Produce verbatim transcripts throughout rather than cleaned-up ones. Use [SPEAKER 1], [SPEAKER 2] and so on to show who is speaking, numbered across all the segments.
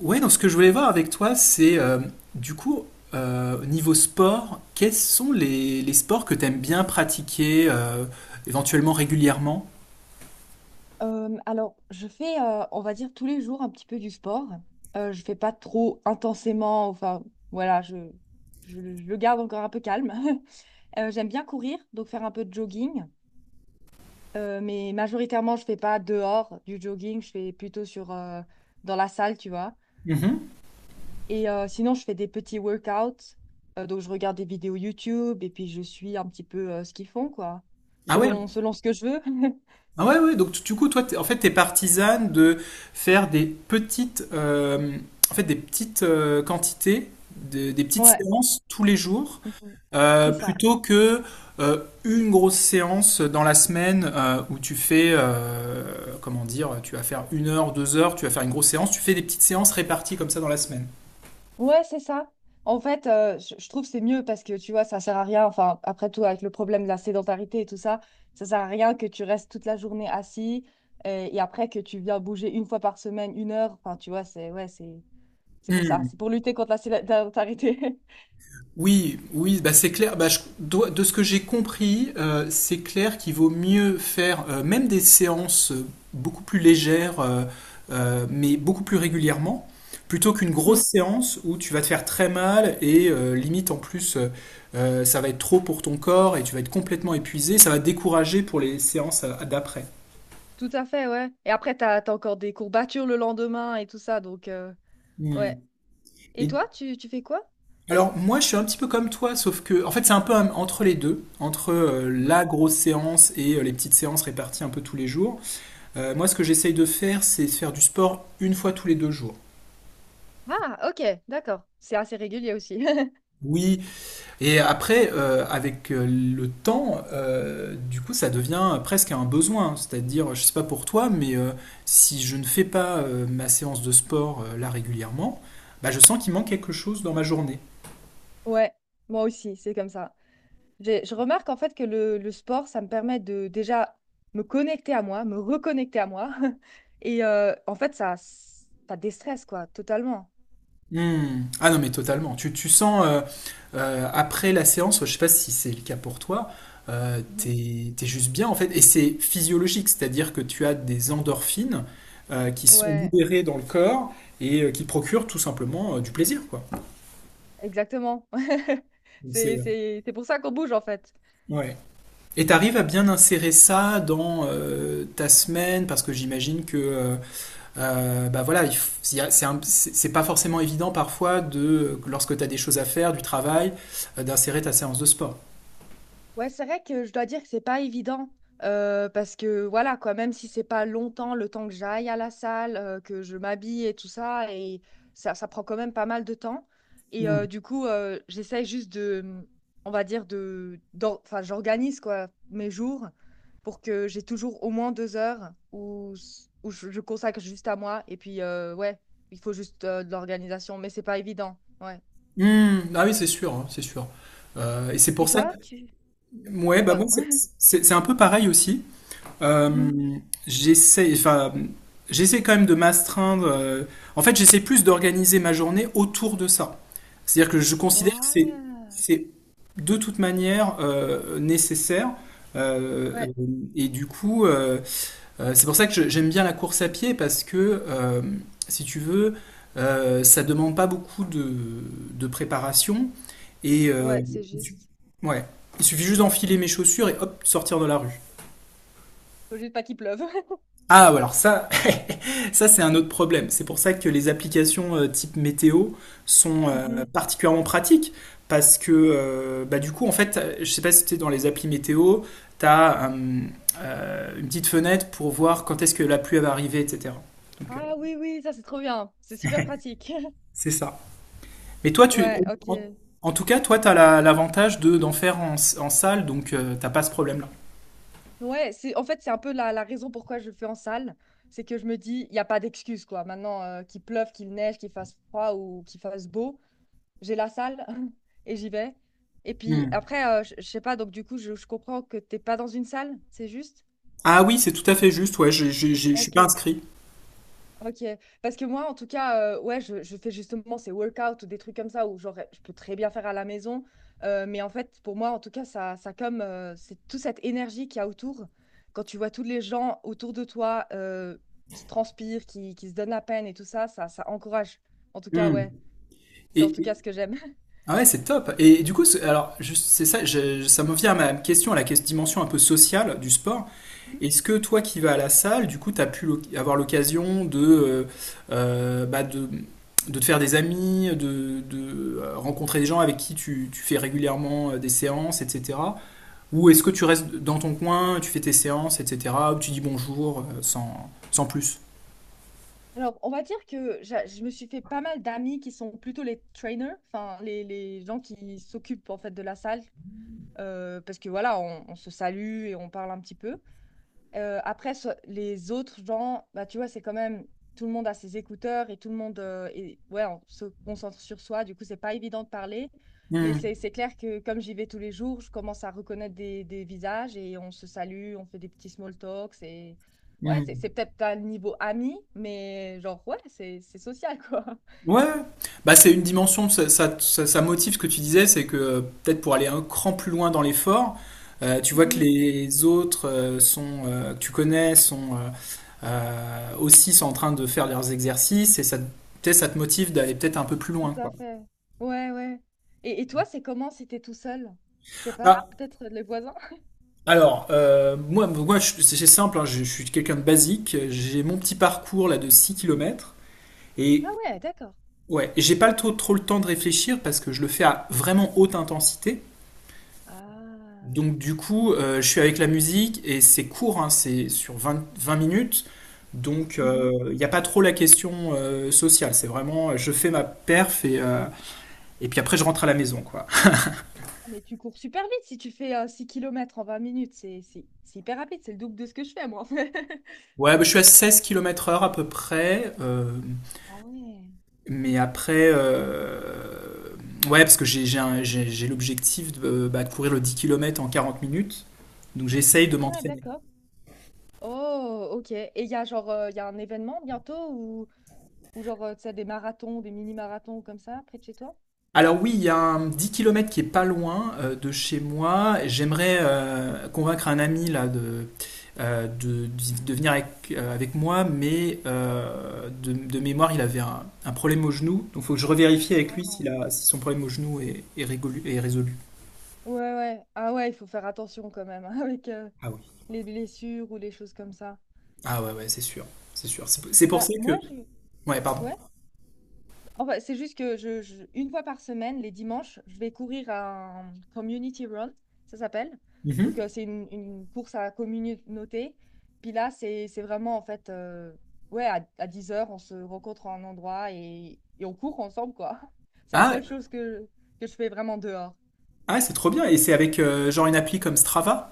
[SPEAKER 1] Ouais, donc ce que je voulais voir avec toi, c'est euh, du coup, euh, au niveau sport, quels sont les, les sports que tu aimes bien pratiquer, euh, éventuellement régulièrement?
[SPEAKER 2] Euh, alors, je fais, euh, on va dire, tous les jours un petit peu du sport. Euh, je fais pas trop intensément, enfin, voilà, je, je, le je le garde encore un peu calme. Euh, j'aime bien courir, donc faire un peu de jogging. Euh, mais majoritairement, je fais pas dehors du jogging, je fais plutôt sur, euh, dans la salle, tu vois.
[SPEAKER 1] Mhm.
[SPEAKER 2] Et euh, sinon, je fais des petits workouts. Euh, donc, je regarde des vidéos YouTube et puis je suis un petit peu euh, ce qu'ils font, quoi,
[SPEAKER 1] Ah ouais?
[SPEAKER 2] selon, selon ce que je veux.
[SPEAKER 1] Ah ouais, ouais. Donc du coup, toi, t'es- en fait, tu es partisane de faire des petites, euh, en fait, des petites euh, quantités, de- des petites
[SPEAKER 2] Ouais,
[SPEAKER 1] séances tous les jours.
[SPEAKER 2] mhm,
[SPEAKER 1] Euh,
[SPEAKER 2] c'est ça.
[SPEAKER 1] plutôt que euh, une grosse séance dans la semaine euh, où tu fais, euh, comment dire, tu vas faire une heure, deux heures, tu vas faire une grosse séance, tu fais des petites séances réparties comme ça dans la semaine.
[SPEAKER 2] Ouais, c'est ça. En fait, euh, je, je trouve que c'est mieux parce que tu vois, ça sert à rien. Enfin, après tout, avec le problème de la sédentarité et tout ça, ça sert à rien que tu restes toute la journée assis euh, et, après que tu viens bouger une fois par semaine, une heure. Enfin, tu vois, c'est ouais, c'est c'est pour ça.
[SPEAKER 1] Hmm.
[SPEAKER 2] C'est pour lutter contre la sédentarité.
[SPEAKER 1] Oui, oui, bah c'est clair. Bah je- do- de ce que j'ai compris, euh, c'est clair qu'il vaut mieux faire euh, même des séances euh, beaucoup plus légères, euh, euh, mais beaucoup plus régulièrement, plutôt qu'une grosse
[SPEAKER 2] Mm,
[SPEAKER 1] séance où tu vas te faire très mal et euh, limite en plus euh, euh, ça va être trop pour ton corps et tu vas être complètement épuisé. Ça va te décourager pour les séances euh, d'après.
[SPEAKER 2] tout à fait, ouais. Et après, t'as, t'as encore des courbatures le lendemain et tout ça, donc euh, ouais.
[SPEAKER 1] Hmm.
[SPEAKER 2] Et toi, tu, tu fais quoi?
[SPEAKER 1] Alors moi je suis un petit peu comme toi, sauf que en fait c'est un peu un- entre les deux, entre euh,
[SPEAKER 2] Mm,
[SPEAKER 1] la grosse séance et euh, les petites séances réparties un peu tous les jours. Euh, moi ce que j'essaye de faire c'est de faire du sport une fois tous les deux jours.
[SPEAKER 2] ah, ok, d'accord. C'est assez régulier aussi.
[SPEAKER 1] Oui, et après euh, avec euh, le temps, euh, du coup ça devient presque un besoin. C'est-à-dire, je sais pas pour toi, mais euh, si je ne fais pas euh, ma séance de sport euh, là régulièrement, bah, je sens qu'il manque quelque chose dans ma journée.
[SPEAKER 2] Ouais, moi aussi, c'est comme ça. J'ai- Je remarque en fait que le, le sport, ça me permet de déjà me connecter à moi, me reconnecter à moi. Et euh, en fait, ça, ça déstresse, quoi, totalement.
[SPEAKER 1] Hmm. Ah non, mais totalement. Tu, tu sens, euh, euh, après la séance, je sais pas si c'est le cas pour toi, euh,
[SPEAKER 2] Mhm.
[SPEAKER 1] t'es, t'es juste bien en fait. Et c'est physiologique, c'est-à-dire que tu as des endorphines euh, qui sont
[SPEAKER 2] Ouais,
[SPEAKER 1] libérées dans le corps et euh, qui procurent tout simplement euh, du plaisir, quoi.
[SPEAKER 2] exactement.
[SPEAKER 1] Donc c'est,
[SPEAKER 2] C'est, c'est, c'est pour ça qu'on bouge, en fait.
[SPEAKER 1] ouais. Et t'arrives à bien insérer ça dans euh, ta semaine, parce que j'imagine que euh, Euh, bah voilà, c'est pas forcément évident parfois de lorsque tu as des choses à faire, du travail, euh, d'insérer ta séance de sport.
[SPEAKER 2] Ouais, c'est vrai que je dois dire que c'est pas évident euh, parce que voilà quoi, même si c'est pas longtemps le temps que j'aille à la salle, euh, que je m'habille et tout ça, et ça, ça prend quand même pas mal de temps. Et euh,
[SPEAKER 1] Mm.
[SPEAKER 2] du coup, euh, j'essaye juste de, mmh, on va dire de, d'or- enfin, j'organise quoi mes jours pour que j'ai toujours au moins deux heures où, s- où je, je consacre juste à moi. Et puis euh, ouais, il faut juste euh, de l'organisation, mais c'est pas évident. Ouais.
[SPEAKER 1] Mm, ah oui, c'est sûr, hein, c'est sûr. Euh, et c'est
[SPEAKER 2] Et
[SPEAKER 1] pour ça que
[SPEAKER 2] toi, tu,
[SPEAKER 1] ouais, bah moi
[SPEAKER 2] pardon.
[SPEAKER 1] c'est c'est- c'est un peu pareil aussi. Euh,
[SPEAKER 2] Mhm.
[SPEAKER 1] j'essaie, enfin, j'essaie quand même de m'astreindre. euh, en fait, j'essaie plus d'organiser ma journée autour de ça. C'est-à-dire que je considère que c'est
[SPEAKER 2] Ouais.
[SPEAKER 1] c'est de toute manière euh, nécessaire. Euh,
[SPEAKER 2] Ouais.
[SPEAKER 1] et du coup, euh, Euh, c'est pour ça que j'aime bien la course à pied parce que, euh, si tu veux, euh, ça demande pas beaucoup de, de préparation et euh,
[SPEAKER 2] Ouais, c'est
[SPEAKER 1] il su-
[SPEAKER 2] juste.
[SPEAKER 1] ouais, il suffit juste d'enfiler mes chaussures et hop, sortir de la rue.
[SPEAKER 2] Faut juste pas qu'il pleuve.
[SPEAKER 1] Ah, ouais, alors ça, ça c'est un autre problème. C'est pour ça que les applications euh, type météo sont euh,
[SPEAKER 2] Mhm.
[SPEAKER 1] particulièrement pratiques parce que euh, bah, du coup, en fait, euh, je sais pas si tu es dans les applis météo, tu as une petite fenêtre pour voir quand est-ce que la pluie elle va arriver, et cetera. Donc, euh,
[SPEAKER 2] Ah oui, oui, ça c'est trop bien. C'est super pratique.
[SPEAKER 1] c'est ça. Mais toi, tu,
[SPEAKER 2] Ouais,
[SPEAKER 1] en,
[SPEAKER 2] ok.
[SPEAKER 1] en tout cas, toi, t'as la- l'avantage de d'en faire en, s- en salle, donc euh, t'as pas ce problème-là.
[SPEAKER 2] Ouais, c'est en fait c'est un peu la, la raison pourquoi je le fais en salle. C'est que je me dis, il n'y a pas d'excuse quoi. Maintenant, euh, qu'il pleuve, qu'il neige, qu'il fasse froid ou qu'il fasse beau, j'ai la salle et j'y vais. Et puis
[SPEAKER 1] Hmm.
[SPEAKER 2] après, euh, je je sais pas, donc du coup, je, je comprends que t'es pas dans une salle, c'est juste?
[SPEAKER 1] Ah oui, c'est tout à fait juste. Ouais, je je- je- je suis
[SPEAKER 2] Ok.
[SPEAKER 1] pas inscrit.
[SPEAKER 2] Ok, parce que moi, en tout cas, euh, ouais, je, je fais justement ces workouts ou des trucs comme ça où genre, je peux très bien faire à la maison, euh, mais en fait, pour moi, en tout cas, ça, ça comme euh, c'est toute cette énergie qu'il y a autour, quand tu vois tous les gens autour de toi euh, qui transpirent, qui, qui se donnent la peine et tout ça, ça, ça encourage. En tout cas,
[SPEAKER 1] Hmm.
[SPEAKER 2] ouais, c'est en
[SPEAKER 1] Et,
[SPEAKER 2] tout
[SPEAKER 1] et-
[SPEAKER 2] cas ce que j'aime.
[SPEAKER 1] ah ouais, c'est top. Et, du coup, c'est- alors juste, c'est ça, je- ça me vient à ma question, à la ques- dimension un peu sociale du sport. Est-ce que toi qui vas à la salle, du coup, t'as pu l'oc- avoir l'occasion de, euh, euh, bah, de de te faire des amis, de, de euh, rencontrer des gens avec qui tu, tu fais régulièrement euh, des séances, et cetera. Ou est-ce que tu restes dans ton coin, tu fais tes séances, et cetera. Ou tu dis bonjour euh, sans, sans plus.
[SPEAKER 2] Mhm. Alors, on va dire que j'a- je me suis fait pas mal d'amis qui sont plutôt les trainers, enfin les, les gens qui s'occupent en fait de la salle, euh, parce que voilà, on, on se salue et on parle un petit peu. Euh, après, so- les autres gens, bah, tu vois, c'est quand même tout le monde a ses écouteurs et tout le monde euh, est- ouais, on se concentre sur soi. Du coup, c'est pas évident de parler. Mais
[SPEAKER 1] Hmm,
[SPEAKER 2] c'est c'est clair que comme j'y vais tous les jours, je commence à reconnaître des, des visages et on se salue, on fait des petits small talks et ouais, c'est
[SPEAKER 1] hmm.
[SPEAKER 2] c'est peut-être pas le niveau ami, mais genre ouais, c'est c'est social quoi.
[SPEAKER 1] Ouais, bah c'est une dimension, ça, ça, ça- ça motive ce que tu disais, c'est que euh, peut-être pour aller un cran plus loin dans l'effort, euh, tu vois que les autres euh, sont, euh, que tu connais sont euh, euh, aussi sont en train de faire leurs exercices et ça, te- peut-être ça te motive d'aller peut-être un peu plus loin,
[SPEAKER 2] Tout à
[SPEAKER 1] quoi.
[SPEAKER 2] fait. Ouais, ouais. Et, et toi, c'est comment si t'es tout seul? Je sais pas,
[SPEAKER 1] Ah,
[SPEAKER 2] peut-être les voisins?
[SPEAKER 1] alors, euh, moi, moi je- c'est c'est simple, hein, je, je suis quelqu'un de basique, j'ai mon petit parcours là de six kilomètres.
[SPEAKER 2] Ah
[SPEAKER 1] Et
[SPEAKER 2] ouais, d'accord.
[SPEAKER 1] ouais, j'ai pas le trop, trop le temps de réfléchir parce que je le fais à vraiment haute intensité.
[SPEAKER 2] Ah.
[SPEAKER 1] Donc du coup, euh, je suis avec la musique et c'est court, hein, c'est sur vingt vingt minutes. Donc
[SPEAKER 2] Mhm.
[SPEAKER 1] il n'y a pas trop la question euh, sociale. C'est vraiment, euh, je fais ma perf et, euh, et puis après je rentre à la maison, quoi.
[SPEAKER 2] Mais tu cours super vite si tu fais euh, six kilomètres en vingt minutes. C'est c'est- c'est hyper rapide, c'est le double de ce que je fais, moi.
[SPEAKER 1] Ouais, bah, je suis à seize kilomètres heure à peu près. euh,
[SPEAKER 2] Ah ouais.
[SPEAKER 1] mais après, euh, ouais, parce que j'ai j'ai un- j'ai- j'ai l'objectif de, bah, de courir le dix kilomètres en quarante minutes. Donc j'essaye de
[SPEAKER 2] Ah,
[SPEAKER 1] m'entraîner.
[SPEAKER 2] d'accord. Oh, ok. Et il y a genre, euh, il y a un événement bientôt ou, ou genre, euh, tu sais, des marathons, des mini-marathons comme ça, près de chez toi?
[SPEAKER 1] Alors oui, il y a un dix kilomètres qui est pas loin euh, de chez moi. J'aimerais euh, convaincre un ami là de, euh, de, de venir avec, euh, avec moi, mais euh, de, de mémoire, il avait un, un problème au genou. Donc il faut que je revérifie avec lui s'il
[SPEAKER 2] Ah.
[SPEAKER 1] a, si son problème au genou est, est, régolu- est résolu.
[SPEAKER 2] Ouais, ouais. Ah ouais, il faut faire attention quand même hein, avec euh,
[SPEAKER 1] Ah oui.
[SPEAKER 2] les blessures ou les choses comme ça.
[SPEAKER 1] Ah ouais, ouais, c'est sûr. C'est sûr. C'est c'est pour ça
[SPEAKER 2] Bah, moi,
[SPEAKER 1] que...
[SPEAKER 2] je...
[SPEAKER 1] Ouais, pardon.
[SPEAKER 2] ouais. Enfin, c'est juste que je, je- une fois par semaine, les dimanches, je vais courir un community run, ça s'appelle. Donc,
[SPEAKER 1] Mhm.
[SPEAKER 2] euh, c'est une, une course à la communauté. Puis là, c'est, c'est vraiment, en fait, euh, ouais, à, à dix heures, on se rencontre en un endroit et, et on court ensemble, quoi. C'est la
[SPEAKER 1] Ah,
[SPEAKER 2] seule chose que, que je fais vraiment dehors.
[SPEAKER 1] ah, c'est trop bien. Et c'est avec euh, genre une appli comme Strava?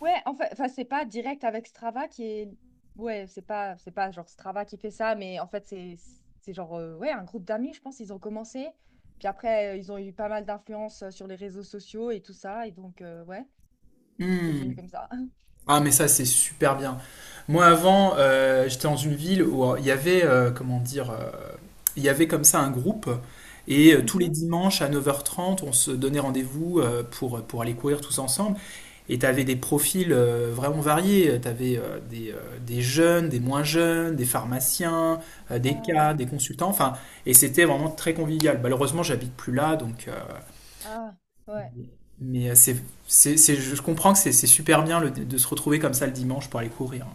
[SPEAKER 2] Ouais, en fait, enfin, c'est pas direct avec Strava qui est. Ouais, c'est pas, c'est pas genre Strava qui fait ça, mais en fait, c'est c'est genre euh, ouais, un groupe d'amis, je pense, ils ont commencé. Puis après, euh, ils ont eu pas mal d'influence euh, sur les réseaux sociaux et tout ça. Et donc, euh, ouais, c'est
[SPEAKER 1] Hmm.
[SPEAKER 2] devenu comme ça.
[SPEAKER 1] Ah, mais ça, c'est super bien. Moi, avant, euh, j'étais dans une ville où euh, il y avait, euh, comment dire, euh, il y avait comme ça un groupe. Et euh, tous les
[SPEAKER 2] Mhm.
[SPEAKER 1] dimanches à neuf heures trente on se donnait rendez-vous euh, pour, pour aller courir tous ensemble. Et tu avais des profils euh, vraiment variés. Tu avais des, euh, des jeunes, des moins jeunes, des pharmaciens, euh, des cas, des
[SPEAKER 2] Ça-
[SPEAKER 1] consultants. Enfin, et c'était vraiment très convivial. Malheureusement, j'habite plus là, donc euh,
[SPEAKER 2] Ah, ouais.
[SPEAKER 1] mais euh, c'est, c'est, c'est- je comprends que c'est c'est super bien le- de se retrouver comme ça le dimanche pour aller courir.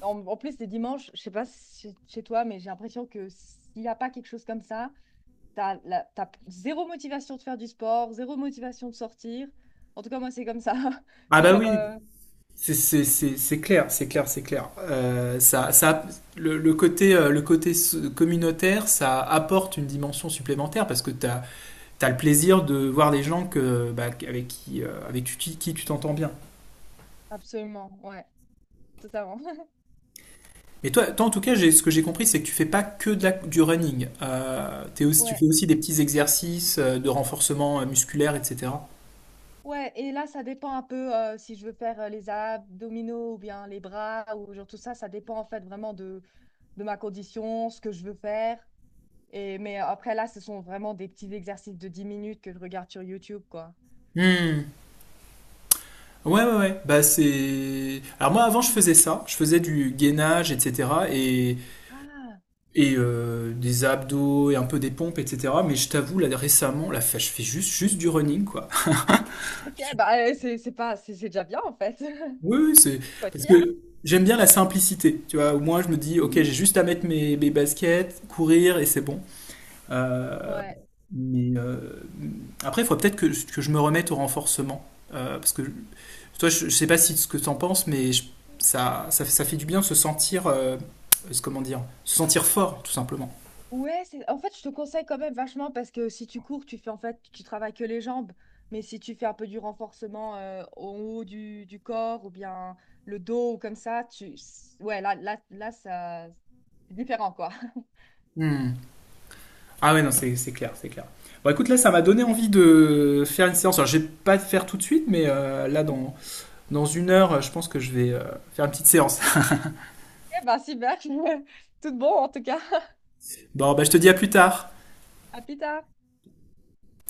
[SPEAKER 2] En, en plus, les dimanches, je sais pas si chez toi, mais j'ai l'impression que s'il n'y a pas quelque chose comme ça, t'as, la- t'as zéro motivation de faire du sport, zéro motivation de sortir. En tout cas, moi, c'est comme ça.
[SPEAKER 1] Ah
[SPEAKER 2] C'est
[SPEAKER 1] bah
[SPEAKER 2] genre.
[SPEAKER 1] oui,
[SPEAKER 2] euh,
[SPEAKER 1] c'est c'est- c'est- c'est clair, c'est clair, c'est clair. Euh, ça, ça, le, le côté, euh, le côté s- communautaire, ça apporte une dimension supplémentaire parce que tu as, le plaisir de voir des gens que, bah, avec qui, euh, avec tu- qui, qui tu t'entends bien.
[SPEAKER 2] Absolument, ouais, totalement.
[SPEAKER 1] Mais toi, toi, en tout cas, j'ai- ce que j'ai compris, c'est que tu fais pas que de la- du running. Euh, t'es aussi, tu
[SPEAKER 2] Ouais,
[SPEAKER 1] fais aussi des petits exercices euh, de renforcement euh, musculaire, et cetera.
[SPEAKER 2] ouais, et là, ça dépend un peu euh, si je veux faire euh, les abdominaux ou bien les bras ou genre tout ça, ça dépend en fait vraiment de, de ma condition, ce que je veux faire. Et, mais euh, après, là, ce sont vraiment des petits exercices de dix minutes que je regarde sur YouTube, quoi.
[SPEAKER 1] Hmm. Ouais, ouais, ouais. Bah, c'est. Alors, moi, avant, je
[SPEAKER 2] Mhm.
[SPEAKER 1] faisais ça. Je faisais du gainage, et cetera. Et,
[SPEAKER 2] Ah,
[SPEAKER 1] et euh, des abdos et un peu des pompes, et cetera. Mais je t'avoue, là, récemment, là, je fais juste, juste du running, quoi.
[SPEAKER 2] ok, bah euh, c'est c'est pas, c'est c'est déjà bien en fait.
[SPEAKER 1] Oui, oui, c'est.
[SPEAKER 2] Faut être
[SPEAKER 1] Parce
[SPEAKER 2] fier.
[SPEAKER 1] que j'aime bien la simplicité. Tu vois, au moins, je me dis, ok, j'ai
[SPEAKER 2] Mhm.
[SPEAKER 1] juste à mettre mes, mes baskets, courir et c'est bon. Euh,
[SPEAKER 2] Ouais.
[SPEAKER 1] mais euh, après, il faut peut-être que, que je me remette au renforcement. Euh, parce que toi, je, je sais pas si ce que t'en penses, mais je- ça, ça, ça fait du bien de se sentir, euh, euh, comment dire, se sentir fort, tout simplement.
[SPEAKER 2] Ouais, c'est... en fait, je te conseille quand même vachement parce que si tu cours, tu fais en fait, tu travailles que les jambes. Mais si tu fais un peu du renforcement euh, au haut du, du corps ou bien le dos ou comme ça, tu... ouais, là, là, là, ça... c'est différent quoi.
[SPEAKER 1] Hmm. Ah ouais, non, c'est c'est clair, c'est clair. Bon, écoute, là, ça m'a donné envie de faire une séance. Alors, je vais pas le faire tout de suite, mais euh, là, dans, dans une heure, je pense que je vais euh, faire une petite séance.
[SPEAKER 2] Eh ben, super, tout bon en tout cas.
[SPEAKER 1] Bon, bah, je te dis à plus tard.
[SPEAKER 2] À plus tard.